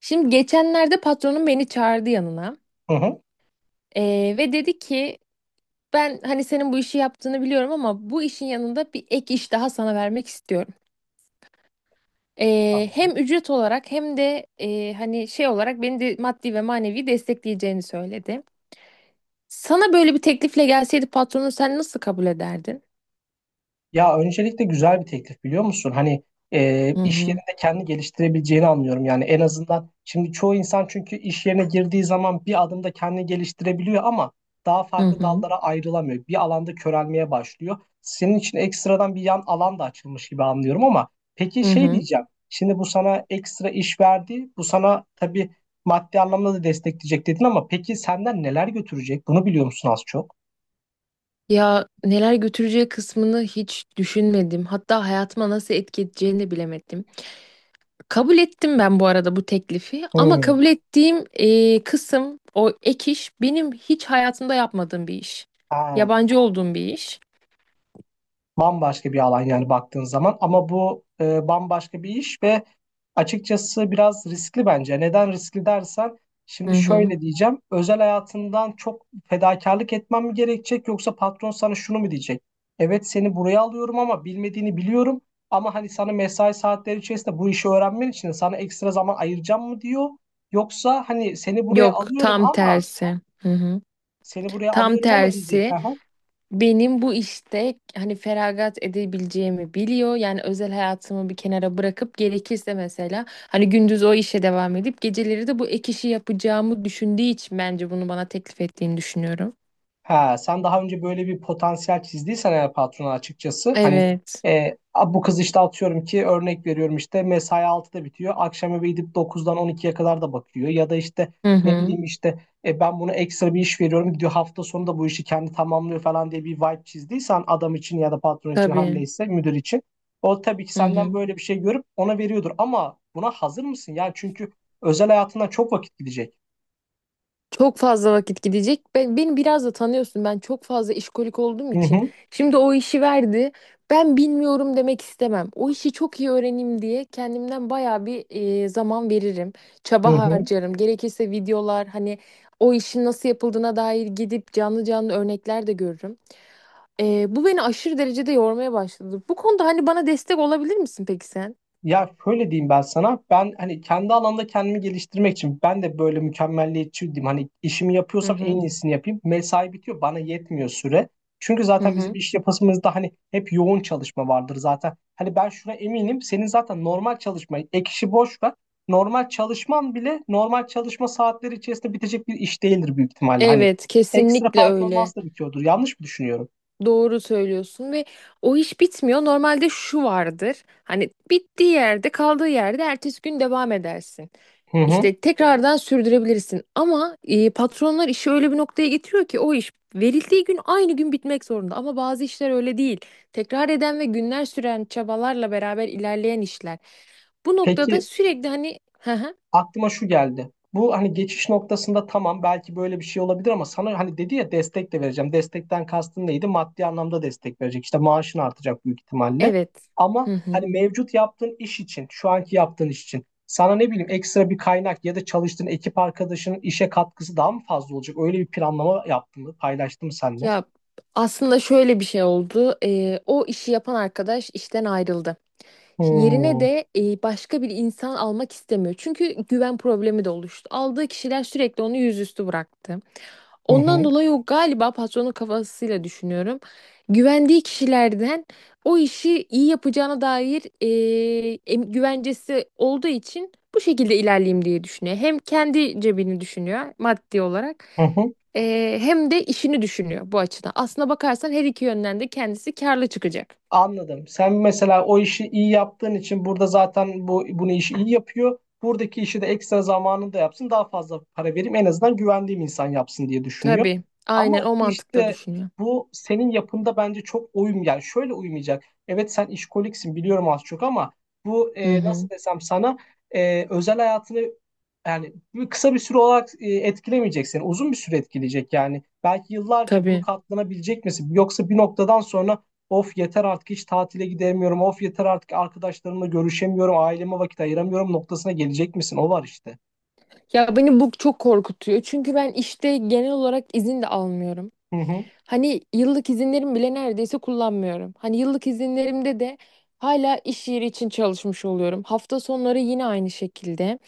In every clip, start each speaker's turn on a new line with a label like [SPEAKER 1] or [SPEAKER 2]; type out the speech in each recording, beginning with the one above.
[SPEAKER 1] Şimdi geçenlerde patronum beni çağırdı yanına.
[SPEAKER 2] Hı hı.
[SPEAKER 1] Ve dedi ki ben hani senin bu işi yaptığını biliyorum ama bu işin yanında bir ek iş daha sana vermek istiyorum.
[SPEAKER 2] Anladım.
[SPEAKER 1] Hem ücret olarak hem de hani şey olarak beni de maddi ve manevi destekleyeceğini söyledi. Sana böyle bir teklifle gelseydi patronun sen nasıl kabul ederdin?
[SPEAKER 2] Ya öncelikle güzel bir teklif biliyor musun? Hani
[SPEAKER 1] Hı
[SPEAKER 2] iş
[SPEAKER 1] hı,
[SPEAKER 2] yerinde kendi geliştirebileceğini anlıyorum. Yani en azından şimdi çoğu insan çünkü iş yerine girdiği zaman bir adımda kendini geliştirebiliyor ama daha
[SPEAKER 1] hı
[SPEAKER 2] farklı
[SPEAKER 1] hı,
[SPEAKER 2] dallara ayrılamıyor. Bir alanda körelmeye başlıyor. Senin için ekstradan bir yan alan da açılmış gibi anlıyorum ama peki
[SPEAKER 1] hı
[SPEAKER 2] şey
[SPEAKER 1] hı.
[SPEAKER 2] diyeceğim. Şimdi bu sana ekstra iş verdi. Bu sana tabii maddi anlamda da destekleyecek dedin ama peki senden neler götürecek? Bunu biliyor musun az çok?
[SPEAKER 1] Ya neler götüreceği kısmını hiç düşünmedim. Hatta hayatıma nasıl etki edeceğini de bilemedim. Kabul ettim ben bu arada bu teklifi ama
[SPEAKER 2] Hmm.
[SPEAKER 1] kabul ettiğim kısım o ek iş benim hiç hayatımda yapmadığım bir iş.
[SPEAKER 2] Ha.
[SPEAKER 1] Yabancı olduğum bir iş.
[SPEAKER 2] Bambaşka bir alan yani baktığın zaman ama bu bambaşka bir iş ve açıkçası biraz riskli bence. Neden riskli dersen
[SPEAKER 1] Hı
[SPEAKER 2] şimdi
[SPEAKER 1] hı.
[SPEAKER 2] şöyle diyeceğim. Özel hayatından çok fedakarlık etmem mi gerekecek yoksa patron sana şunu mu diyecek? Evet, seni buraya alıyorum ama bilmediğini biliyorum ama hani sana mesai saatleri içerisinde bu işi öğrenmen için sana ekstra zaman ayıracağım mı diyor. Yoksa hani seni buraya
[SPEAKER 1] Yok
[SPEAKER 2] alıyorum
[SPEAKER 1] tam
[SPEAKER 2] ama
[SPEAKER 1] tersi. Hı hı.
[SPEAKER 2] seni buraya
[SPEAKER 1] Tam
[SPEAKER 2] alıyorum ama diyecek.
[SPEAKER 1] tersi benim bu işte hani feragat edebileceğimi biliyor. Yani özel hayatımı bir kenara bırakıp gerekirse mesela hani gündüz o işe devam edip geceleri de bu ek işi yapacağımı düşündüğü için bence bunu bana teklif ettiğini düşünüyorum.
[SPEAKER 2] Ha, sen daha önce böyle bir potansiyel çizdiysen eğer patrona açıkçası hani
[SPEAKER 1] Evet.
[SPEAKER 2] "A, bu kız işte atıyorum ki örnek veriyorum işte mesai 6'da bitiyor. Akşam eve gidip 9'dan 12'ye kadar da bakıyor. Ya da işte
[SPEAKER 1] Hı
[SPEAKER 2] ne
[SPEAKER 1] hı.
[SPEAKER 2] bileyim işte ben buna ekstra bir iş veriyorum, gidiyor hafta sonu da bu işi kendi tamamlıyor falan" diye bir vibe çizdiysen adam için ya da patron için her
[SPEAKER 1] Tabii.
[SPEAKER 2] neyse müdür için. O tabii ki
[SPEAKER 1] Hı
[SPEAKER 2] senden
[SPEAKER 1] hı.
[SPEAKER 2] böyle bir şey görüp ona veriyordur ama buna hazır mısın? Yani çünkü özel hayatından çok vakit gidecek.
[SPEAKER 1] Çok fazla vakit gidecek. Beni biraz da tanıyorsun. Ben çok fazla işkolik olduğum
[SPEAKER 2] Hı
[SPEAKER 1] için.
[SPEAKER 2] hı,
[SPEAKER 1] Şimdi o işi verdi. Ben bilmiyorum demek istemem. O işi çok iyi öğreneyim diye kendimden bayağı bir zaman veririm.
[SPEAKER 2] hı
[SPEAKER 1] Çaba
[SPEAKER 2] hı.
[SPEAKER 1] harcarım. Gerekirse videolar hani o işin nasıl yapıldığına dair gidip canlı canlı örnekler de görürüm. Bu beni aşırı derecede yormaya başladı. Bu konuda hani bana destek olabilir misin peki sen?
[SPEAKER 2] Ya şöyle diyeyim ben sana. Ben hani kendi alanda kendimi geliştirmek için ben de böyle mükemmelliyetçi diyeyim. Hani işimi
[SPEAKER 1] Hı
[SPEAKER 2] yapıyorsam en
[SPEAKER 1] hı.
[SPEAKER 2] iyisini yapayım. Mesai bitiyor. Bana yetmiyor süre. Çünkü
[SPEAKER 1] Hı
[SPEAKER 2] zaten bizim
[SPEAKER 1] hı.
[SPEAKER 2] iş yapısımızda hani hep yoğun çalışma vardır zaten. Hani ben şuna eminim. Senin zaten normal çalışma, ek işi boş ver. Normal çalışman bile normal çalışma saatleri içerisinde bitecek bir iş değildir büyük ihtimalle. Hani
[SPEAKER 1] Evet,
[SPEAKER 2] ekstra
[SPEAKER 1] kesinlikle öyle.
[SPEAKER 2] performans da bitiyordur. Yanlış mı düşünüyorum?
[SPEAKER 1] Doğru söylüyorsun ve o iş bitmiyor. Normalde şu vardır. Hani bittiği yerde, kaldığı yerde ertesi gün devam edersin.
[SPEAKER 2] Hı hı.
[SPEAKER 1] İşte tekrardan sürdürebilirsin. Ama patronlar işi öyle bir noktaya getiriyor ki o iş verildiği gün aynı gün bitmek zorunda. Ama bazı işler öyle değil. Tekrar eden ve günler süren çabalarla beraber ilerleyen işler. Bu noktada
[SPEAKER 2] Peki
[SPEAKER 1] sürekli hani hı hı,
[SPEAKER 2] aklıma şu geldi. Bu hani geçiş noktasında tamam, belki böyle bir şey olabilir ama sana hani dedi ya destek de vereceğim. Destekten kastın neydi? Maddi anlamda destek verecek. İşte maaşın artacak büyük ihtimalle.
[SPEAKER 1] evet.
[SPEAKER 2] Ama
[SPEAKER 1] Hı
[SPEAKER 2] hani
[SPEAKER 1] hı.
[SPEAKER 2] mevcut yaptığın iş için, şu anki yaptığın iş için sana ne bileyim ekstra bir kaynak ya da çalıştığın ekip arkadaşının işe katkısı daha mı fazla olacak? Öyle bir planlama yaptın mı? Paylaştın mı seninle?
[SPEAKER 1] Ya aslında şöyle bir şey oldu. O işi yapan arkadaş işten ayrıldı. Yerine
[SPEAKER 2] Hmm. Hı
[SPEAKER 1] de başka bir insan almak istemiyor. Çünkü güven problemi de oluştu. Aldığı kişiler sürekli onu yüzüstü bıraktı. Ondan
[SPEAKER 2] hı.
[SPEAKER 1] dolayı o galiba patronun kafasıyla düşünüyorum. Güvendiği kişilerden o işi iyi yapacağına dair güvencesi olduğu için bu şekilde ilerleyeyim diye düşünüyor. Hem kendi cebini düşünüyor maddi olarak,
[SPEAKER 2] Hı hı.
[SPEAKER 1] hem de işini düşünüyor bu açıdan. Aslına bakarsan her iki yönden de kendisi karlı çıkacak.
[SPEAKER 2] Anladım. Sen mesela o işi iyi yaptığın için burada zaten bu bunu işi iyi yapıyor. Buradaki işi de ekstra zamanında yapsın, daha fazla para vereyim. En azından güvendiğim insan yapsın diye düşünüyor.
[SPEAKER 1] Tabii, aynen
[SPEAKER 2] Ama
[SPEAKER 1] o mantıkla
[SPEAKER 2] işte
[SPEAKER 1] düşünüyor.
[SPEAKER 2] bu senin yapında bence çok uyum, yani şöyle uymayacak. Evet, sen işkoliksin biliyorum az çok ama bu
[SPEAKER 1] Hı
[SPEAKER 2] nasıl
[SPEAKER 1] hı.
[SPEAKER 2] desem sana, özel hayatını yani kısa bir süre olarak etkilemeyecek seni. Uzun bir süre etkileyecek yani. Belki yıllarca bunu
[SPEAKER 1] Tabii.
[SPEAKER 2] katlanabilecek misin? Yoksa bir noktadan sonra, "Of, yeter artık hiç tatile gidemiyorum. Of, yeter artık arkadaşlarımla görüşemiyorum. Aileme vakit ayıramıyorum" noktasına gelecek misin? O var işte.
[SPEAKER 1] Ya beni bu çok korkutuyor. Çünkü ben işte genel olarak izin de almıyorum.
[SPEAKER 2] Hı hı.
[SPEAKER 1] Hani yıllık izinlerim bile neredeyse kullanmıyorum. Hani yıllık izinlerimde de hala iş yeri için çalışmış oluyorum. Hafta sonları yine aynı şekilde.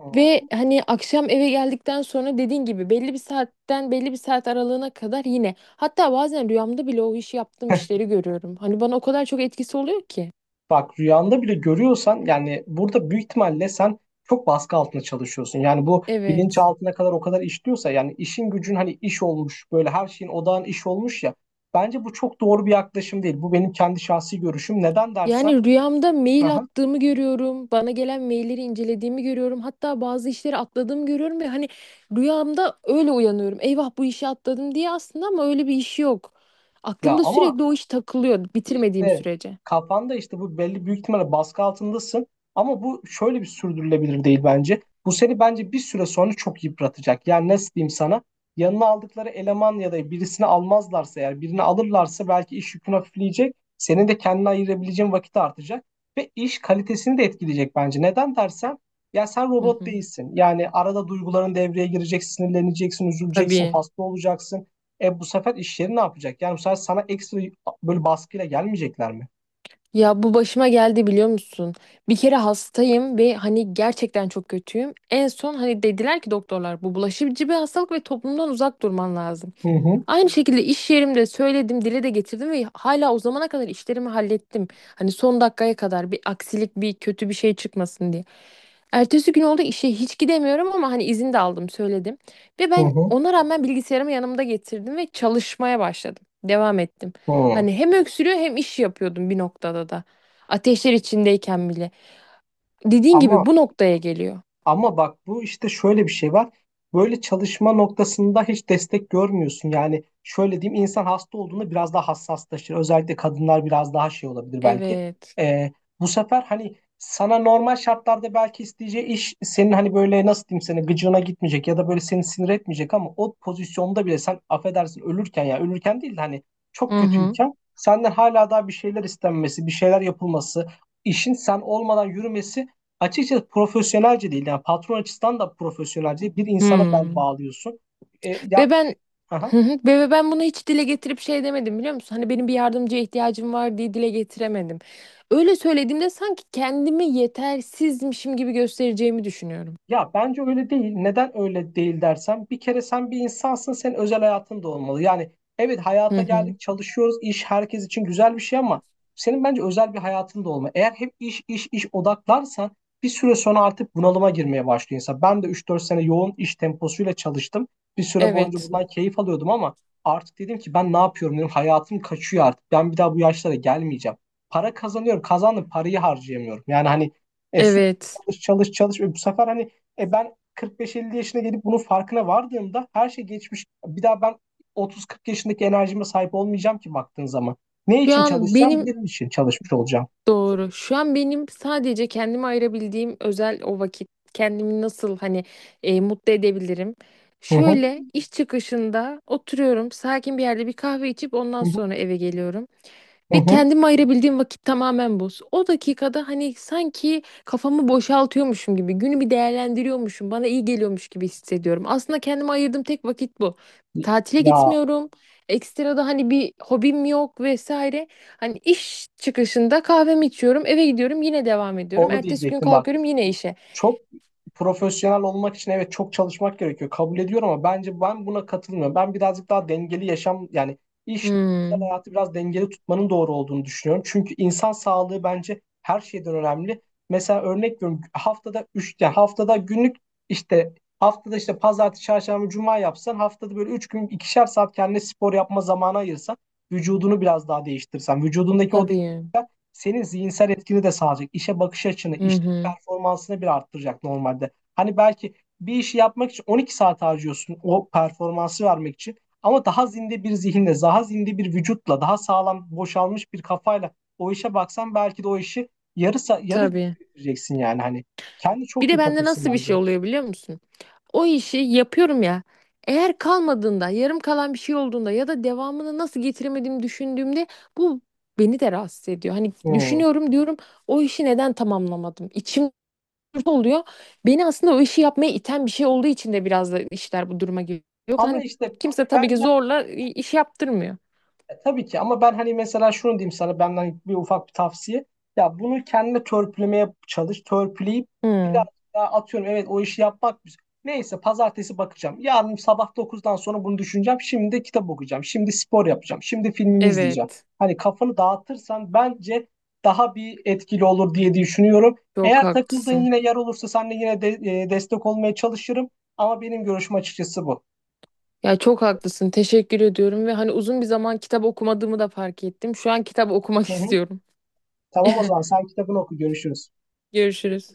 [SPEAKER 2] Hı.
[SPEAKER 1] Ve hani akşam eve geldikten sonra dediğin gibi belli bir saatten belli bir saat aralığına kadar yine. Hatta bazen rüyamda bile o işi yaptığım işleri görüyorum. Hani bana o kadar çok etkisi oluyor ki.
[SPEAKER 2] Bak, rüyanda bile görüyorsan yani burada büyük ihtimalle sen çok baskı altında çalışıyorsun. Yani bu bilinç
[SPEAKER 1] Evet.
[SPEAKER 2] altına kadar o kadar işliyorsa, yani işin gücün hani iş olmuş, böyle her şeyin odağın iş olmuş ya. Bence bu çok doğru bir yaklaşım değil. Bu benim kendi şahsi görüşüm. Neden dersen?
[SPEAKER 1] Yani rüyamda mail
[SPEAKER 2] Aha.
[SPEAKER 1] attığımı görüyorum. Bana gelen mailleri incelediğimi görüyorum. Hatta bazı işleri atladığımı görüyorum ve hani rüyamda öyle uyanıyorum. Eyvah bu işi atladım diye aslında ama öyle bir iş yok.
[SPEAKER 2] Ya
[SPEAKER 1] Aklımda
[SPEAKER 2] ama
[SPEAKER 1] sürekli o iş takılıyor bitirmediğim
[SPEAKER 2] İşte
[SPEAKER 1] sürece.
[SPEAKER 2] kafanda işte bu belli, büyük ihtimalle baskı altındasın ama bu şöyle bir sürdürülebilir değil bence. Bu seni bence bir süre sonra çok yıpratacak. Yani nasıl diyeyim sana? Yanına aldıkları eleman ya da birisini almazlarsa, eğer birini alırlarsa belki iş yükün hafifleyecek. Senin de kendine ayırabileceğin vakit artacak ve iş kalitesini de etkileyecek bence. Neden dersen, ya sen
[SPEAKER 1] Hı
[SPEAKER 2] robot
[SPEAKER 1] hı.
[SPEAKER 2] değilsin. Yani arada duyguların devreye girecek, sinirleneceksin, üzüleceksin,
[SPEAKER 1] Tabii.
[SPEAKER 2] hasta olacaksın. E, bu sefer iş yeri ne yapacak? Yani bu sefer sana ekstra böyle baskıyla gelmeyecekler mi?
[SPEAKER 1] Ya bu başıma geldi biliyor musun? Bir kere hastayım ve hani gerçekten çok kötüyüm. En son hani dediler ki doktorlar bu bulaşıcı bir hastalık ve toplumdan uzak durman lazım.
[SPEAKER 2] Hı hı,
[SPEAKER 1] Aynı şekilde iş yerimde söyledim, dile de getirdim ve hala o zamana kadar işlerimi hallettim. Hani son dakikaya kadar bir aksilik, bir kötü bir şey çıkmasın diye. Ertesi gün oldu işe hiç gidemiyorum ama hani izin de aldım, söyledim. Ve
[SPEAKER 2] hı
[SPEAKER 1] ben
[SPEAKER 2] hı.
[SPEAKER 1] ona rağmen bilgisayarımı yanımda getirdim ve çalışmaya başladım. Devam ettim.
[SPEAKER 2] Hı.
[SPEAKER 1] Hani hem öksürüyor hem iş yapıyordum bir noktada da. Ateşler içindeyken bile. Dediğin gibi
[SPEAKER 2] Ama
[SPEAKER 1] bu noktaya geliyor.
[SPEAKER 2] Ama bak, bu işte şöyle bir şey var. Böyle çalışma noktasında hiç destek görmüyorsun. Yani şöyle diyeyim, insan hasta olduğunda biraz daha hassaslaşır. Özellikle kadınlar biraz daha şey olabilir belki.
[SPEAKER 1] Evet.
[SPEAKER 2] Ee, bu sefer hani sana normal şartlarda belki isteyeceği iş senin hani böyle nasıl diyeyim sana gıcığına gitmeyecek ya da böyle seni sinir etmeyecek, ama o pozisyonda bile sen affedersin ölürken, ya ölürken değil de hani çok
[SPEAKER 1] Hı hı.
[SPEAKER 2] kötüyken senden hala daha bir şeyler istenmesi, bir şeyler yapılması, işin sen olmadan yürümesi açıkçası profesyonelce değil. Yani patron açısından da profesyonelce değil. Bir insana bel
[SPEAKER 1] Hmm.
[SPEAKER 2] bağlıyorsun. Ya
[SPEAKER 1] Ve ben
[SPEAKER 2] aha.
[SPEAKER 1] Hı hı. ve ben bunu hiç dile getirip şey demedim biliyor musun? Hani benim bir yardımcıya ihtiyacım var diye dile getiremedim. Öyle söylediğimde sanki kendimi yetersizmişim gibi göstereceğimi düşünüyorum.
[SPEAKER 2] Ya bence öyle değil. Neden öyle değil dersen, bir kere sen bir insansın, senin özel hayatın da olmalı. Yani evet,
[SPEAKER 1] Hı
[SPEAKER 2] hayata
[SPEAKER 1] hı.
[SPEAKER 2] geldik, çalışıyoruz, iş herkes için güzel bir şey ama senin bence özel bir hayatın da olmalı. Eğer hep iş iş iş odaklarsan bir süre sonra artık bunalıma girmeye başlıyor insan. Ben de 3-4 sene yoğun iş temposuyla çalıştım. Bir süre boyunca
[SPEAKER 1] Evet.
[SPEAKER 2] bundan keyif alıyordum ama artık dedim ki ben ne yapıyorum dedim. Hayatım kaçıyor artık. Ben bir daha bu yaşlara gelmeyeceğim. Para kazanıyorum, kazandım, parayı harcayamıyorum. Yani hani sürekli
[SPEAKER 1] Evet.
[SPEAKER 2] çalış çalış çalış ve bu sefer hani ben 45-50 yaşına gelip bunun farkına vardığımda her şey geçmiş. Bir daha ben 30-40 yaşındaki enerjime sahip olmayacağım ki baktığın zaman. Ne
[SPEAKER 1] Şu
[SPEAKER 2] için
[SPEAKER 1] an
[SPEAKER 2] çalışacağım?
[SPEAKER 1] benim
[SPEAKER 2] Benim için çalışmış olacağım.
[SPEAKER 1] Doğru. Şu an benim sadece kendime ayırabildiğim özel o vakit. Kendimi nasıl hani mutlu edebilirim?
[SPEAKER 2] Hı hı,
[SPEAKER 1] Şöyle iş çıkışında oturuyorum, sakin bir yerde bir kahve içip
[SPEAKER 2] hı
[SPEAKER 1] ondan
[SPEAKER 2] hı,
[SPEAKER 1] sonra eve geliyorum.
[SPEAKER 2] hı
[SPEAKER 1] Ve
[SPEAKER 2] hı.
[SPEAKER 1] kendime ayırabildiğim vakit tamamen bu. O dakikada hani sanki kafamı boşaltıyormuşum gibi, günü bir değerlendiriyormuşum, bana iyi geliyormuş gibi hissediyorum. Aslında kendime ayırdığım tek vakit bu. Tatile
[SPEAKER 2] Ya
[SPEAKER 1] gitmiyorum. Ekstra da hani bir hobim yok vesaire. Hani iş çıkışında kahvemi içiyorum, eve gidiyorum, yine devam ediyorum.
[SPEAKER 2] onu
[SPEAKER 1] Ertesi gün
[SPEAKER 2] diyecektim bak.
[SPEAKER 1] kalkıyorum yine işe.
[SPEAKER 2] Çok profesyonel olmak için evet çok çalışmak gerekiyor. Kabul ediyorum ama bence ben buna katılmıyorum. Ben birazcık daha dengeli yaşam, yani işle özel
[SPEAKER 1] Hmm,
[SPEAKER 2] hayatı biraz dengeli tutmanın doğru olduğunu düşünüyorum. Çünkü insan sağlığı bence her şeyden önemli. Mesela örnek veriyorum, haftada 3 yani haftada günlük işte, haftada işte pazartesi, çarşamba, cuma yapsan, haftada böyle 3 gün 2'şer saat kendine spor yapma zamanı ayırsan, vücudunu biraz daha değiştirsen, vücudundaki o
[SPEAKER 1] tabii.
[SPEAKER 2] senin zihinsel etkini de sağlayacak. İşe bakış açını,
[SPEAKER 1] Hı
[SPEAKER 2] işteki
[SPEAKER 1] hı,
[SPEAKER 2] performansını bir arttıracak normalde. Hani belki bir işi yapmak için 12 saat harcıyorsun o performansı vermek için. Ama daha zinde bir zihinle, daha zinde bir vücutla, daha sağlam boşalmış bir kafayla o işe baksan belki de o işi yarı
[SPEAKER 1] tabii.
[SPEAKER 2] bitireceksin yani hani. Kendi
[SPEAKER 1] Bir
[SPEAKER 2] çok
[SPEAKER 1] de bende
[SPEAKER 2] yıpratırsın
[SPEAKER 1] nasıl bir
[SPEAKER 2] bence.
[SPEAKER 1] şey oluyor biliyor musun? O işi yapıyorum ya. Eğer kalmadığında, yarım kalan bir şey olduğunda ya da devamını nasıl getiremediğimi düşündüğümde bu beni de rahatsız ediyor. Hani
[SPEAKER 2] Hmm.
[SPEAKER 1] düşünüyorum diyorum o işi neden tamamlamadım? İçim olursa oluyor. Beni aslında o işi yapmaya iten bir şey olduğu için de biraz da işler bu duruma geliyor. Yoksa
[SPEAKER 2] Ama
[SPEAKER 1] hani
[SPEAKER 2] işte
[SPEAKER 1] kimse tabii ki
[SPEAKER 2] ben
[SPEAKER 1] zorla iş yaptırmıyor.
[SPEAKER 2] Tabii ki ama ben hani mesela şunu diyeyim sana, benden bir ufak bir tavsiye. Ya bunu kendine törpülemeye çalış. Törpüleyip biraz
[SPEAKER 1] Hmm,
[SPEAKER 2] daha, atıyorum, evet o işi yapmak güzel. Neyse, pazartesi bakacağım. Yarın sabah 9'dan sonra bunu düşüneceğim. Şimdi de kitap okuyacağım. Şimdi spor yapacağım. Şimdi filmimi izleyeceğim.
[SPEAKER 1] evet.
[SPEAKER 2] Hani kafanı dağıtırsan bence daha bir etkili olur diye düşünüyorum.
[SPEAKER 1] Çok
[SPEAKER 2] Eğer takıldığın
[SPEAKER 1] haklısın.
[SPEAKER 2] yine yer olursa seninle yine de destek olmaya çalışırım. Ama benim görüşüm açıkçası bu.
[SPEAKER 1] Ya çok haklısın. Teşekkür ediyorum ve hani uzun bir zaman kitap okumadığımı da fark ettim. Şu an kitap okumak
[SPEAKER 2] Hı hı.
[SPEAKER 1] istiyorum.
[SPEAKER 2] Tamam, o zaman sen kitabını oku, görüşürüz.
[SPEAKER 1] Görüşürüz.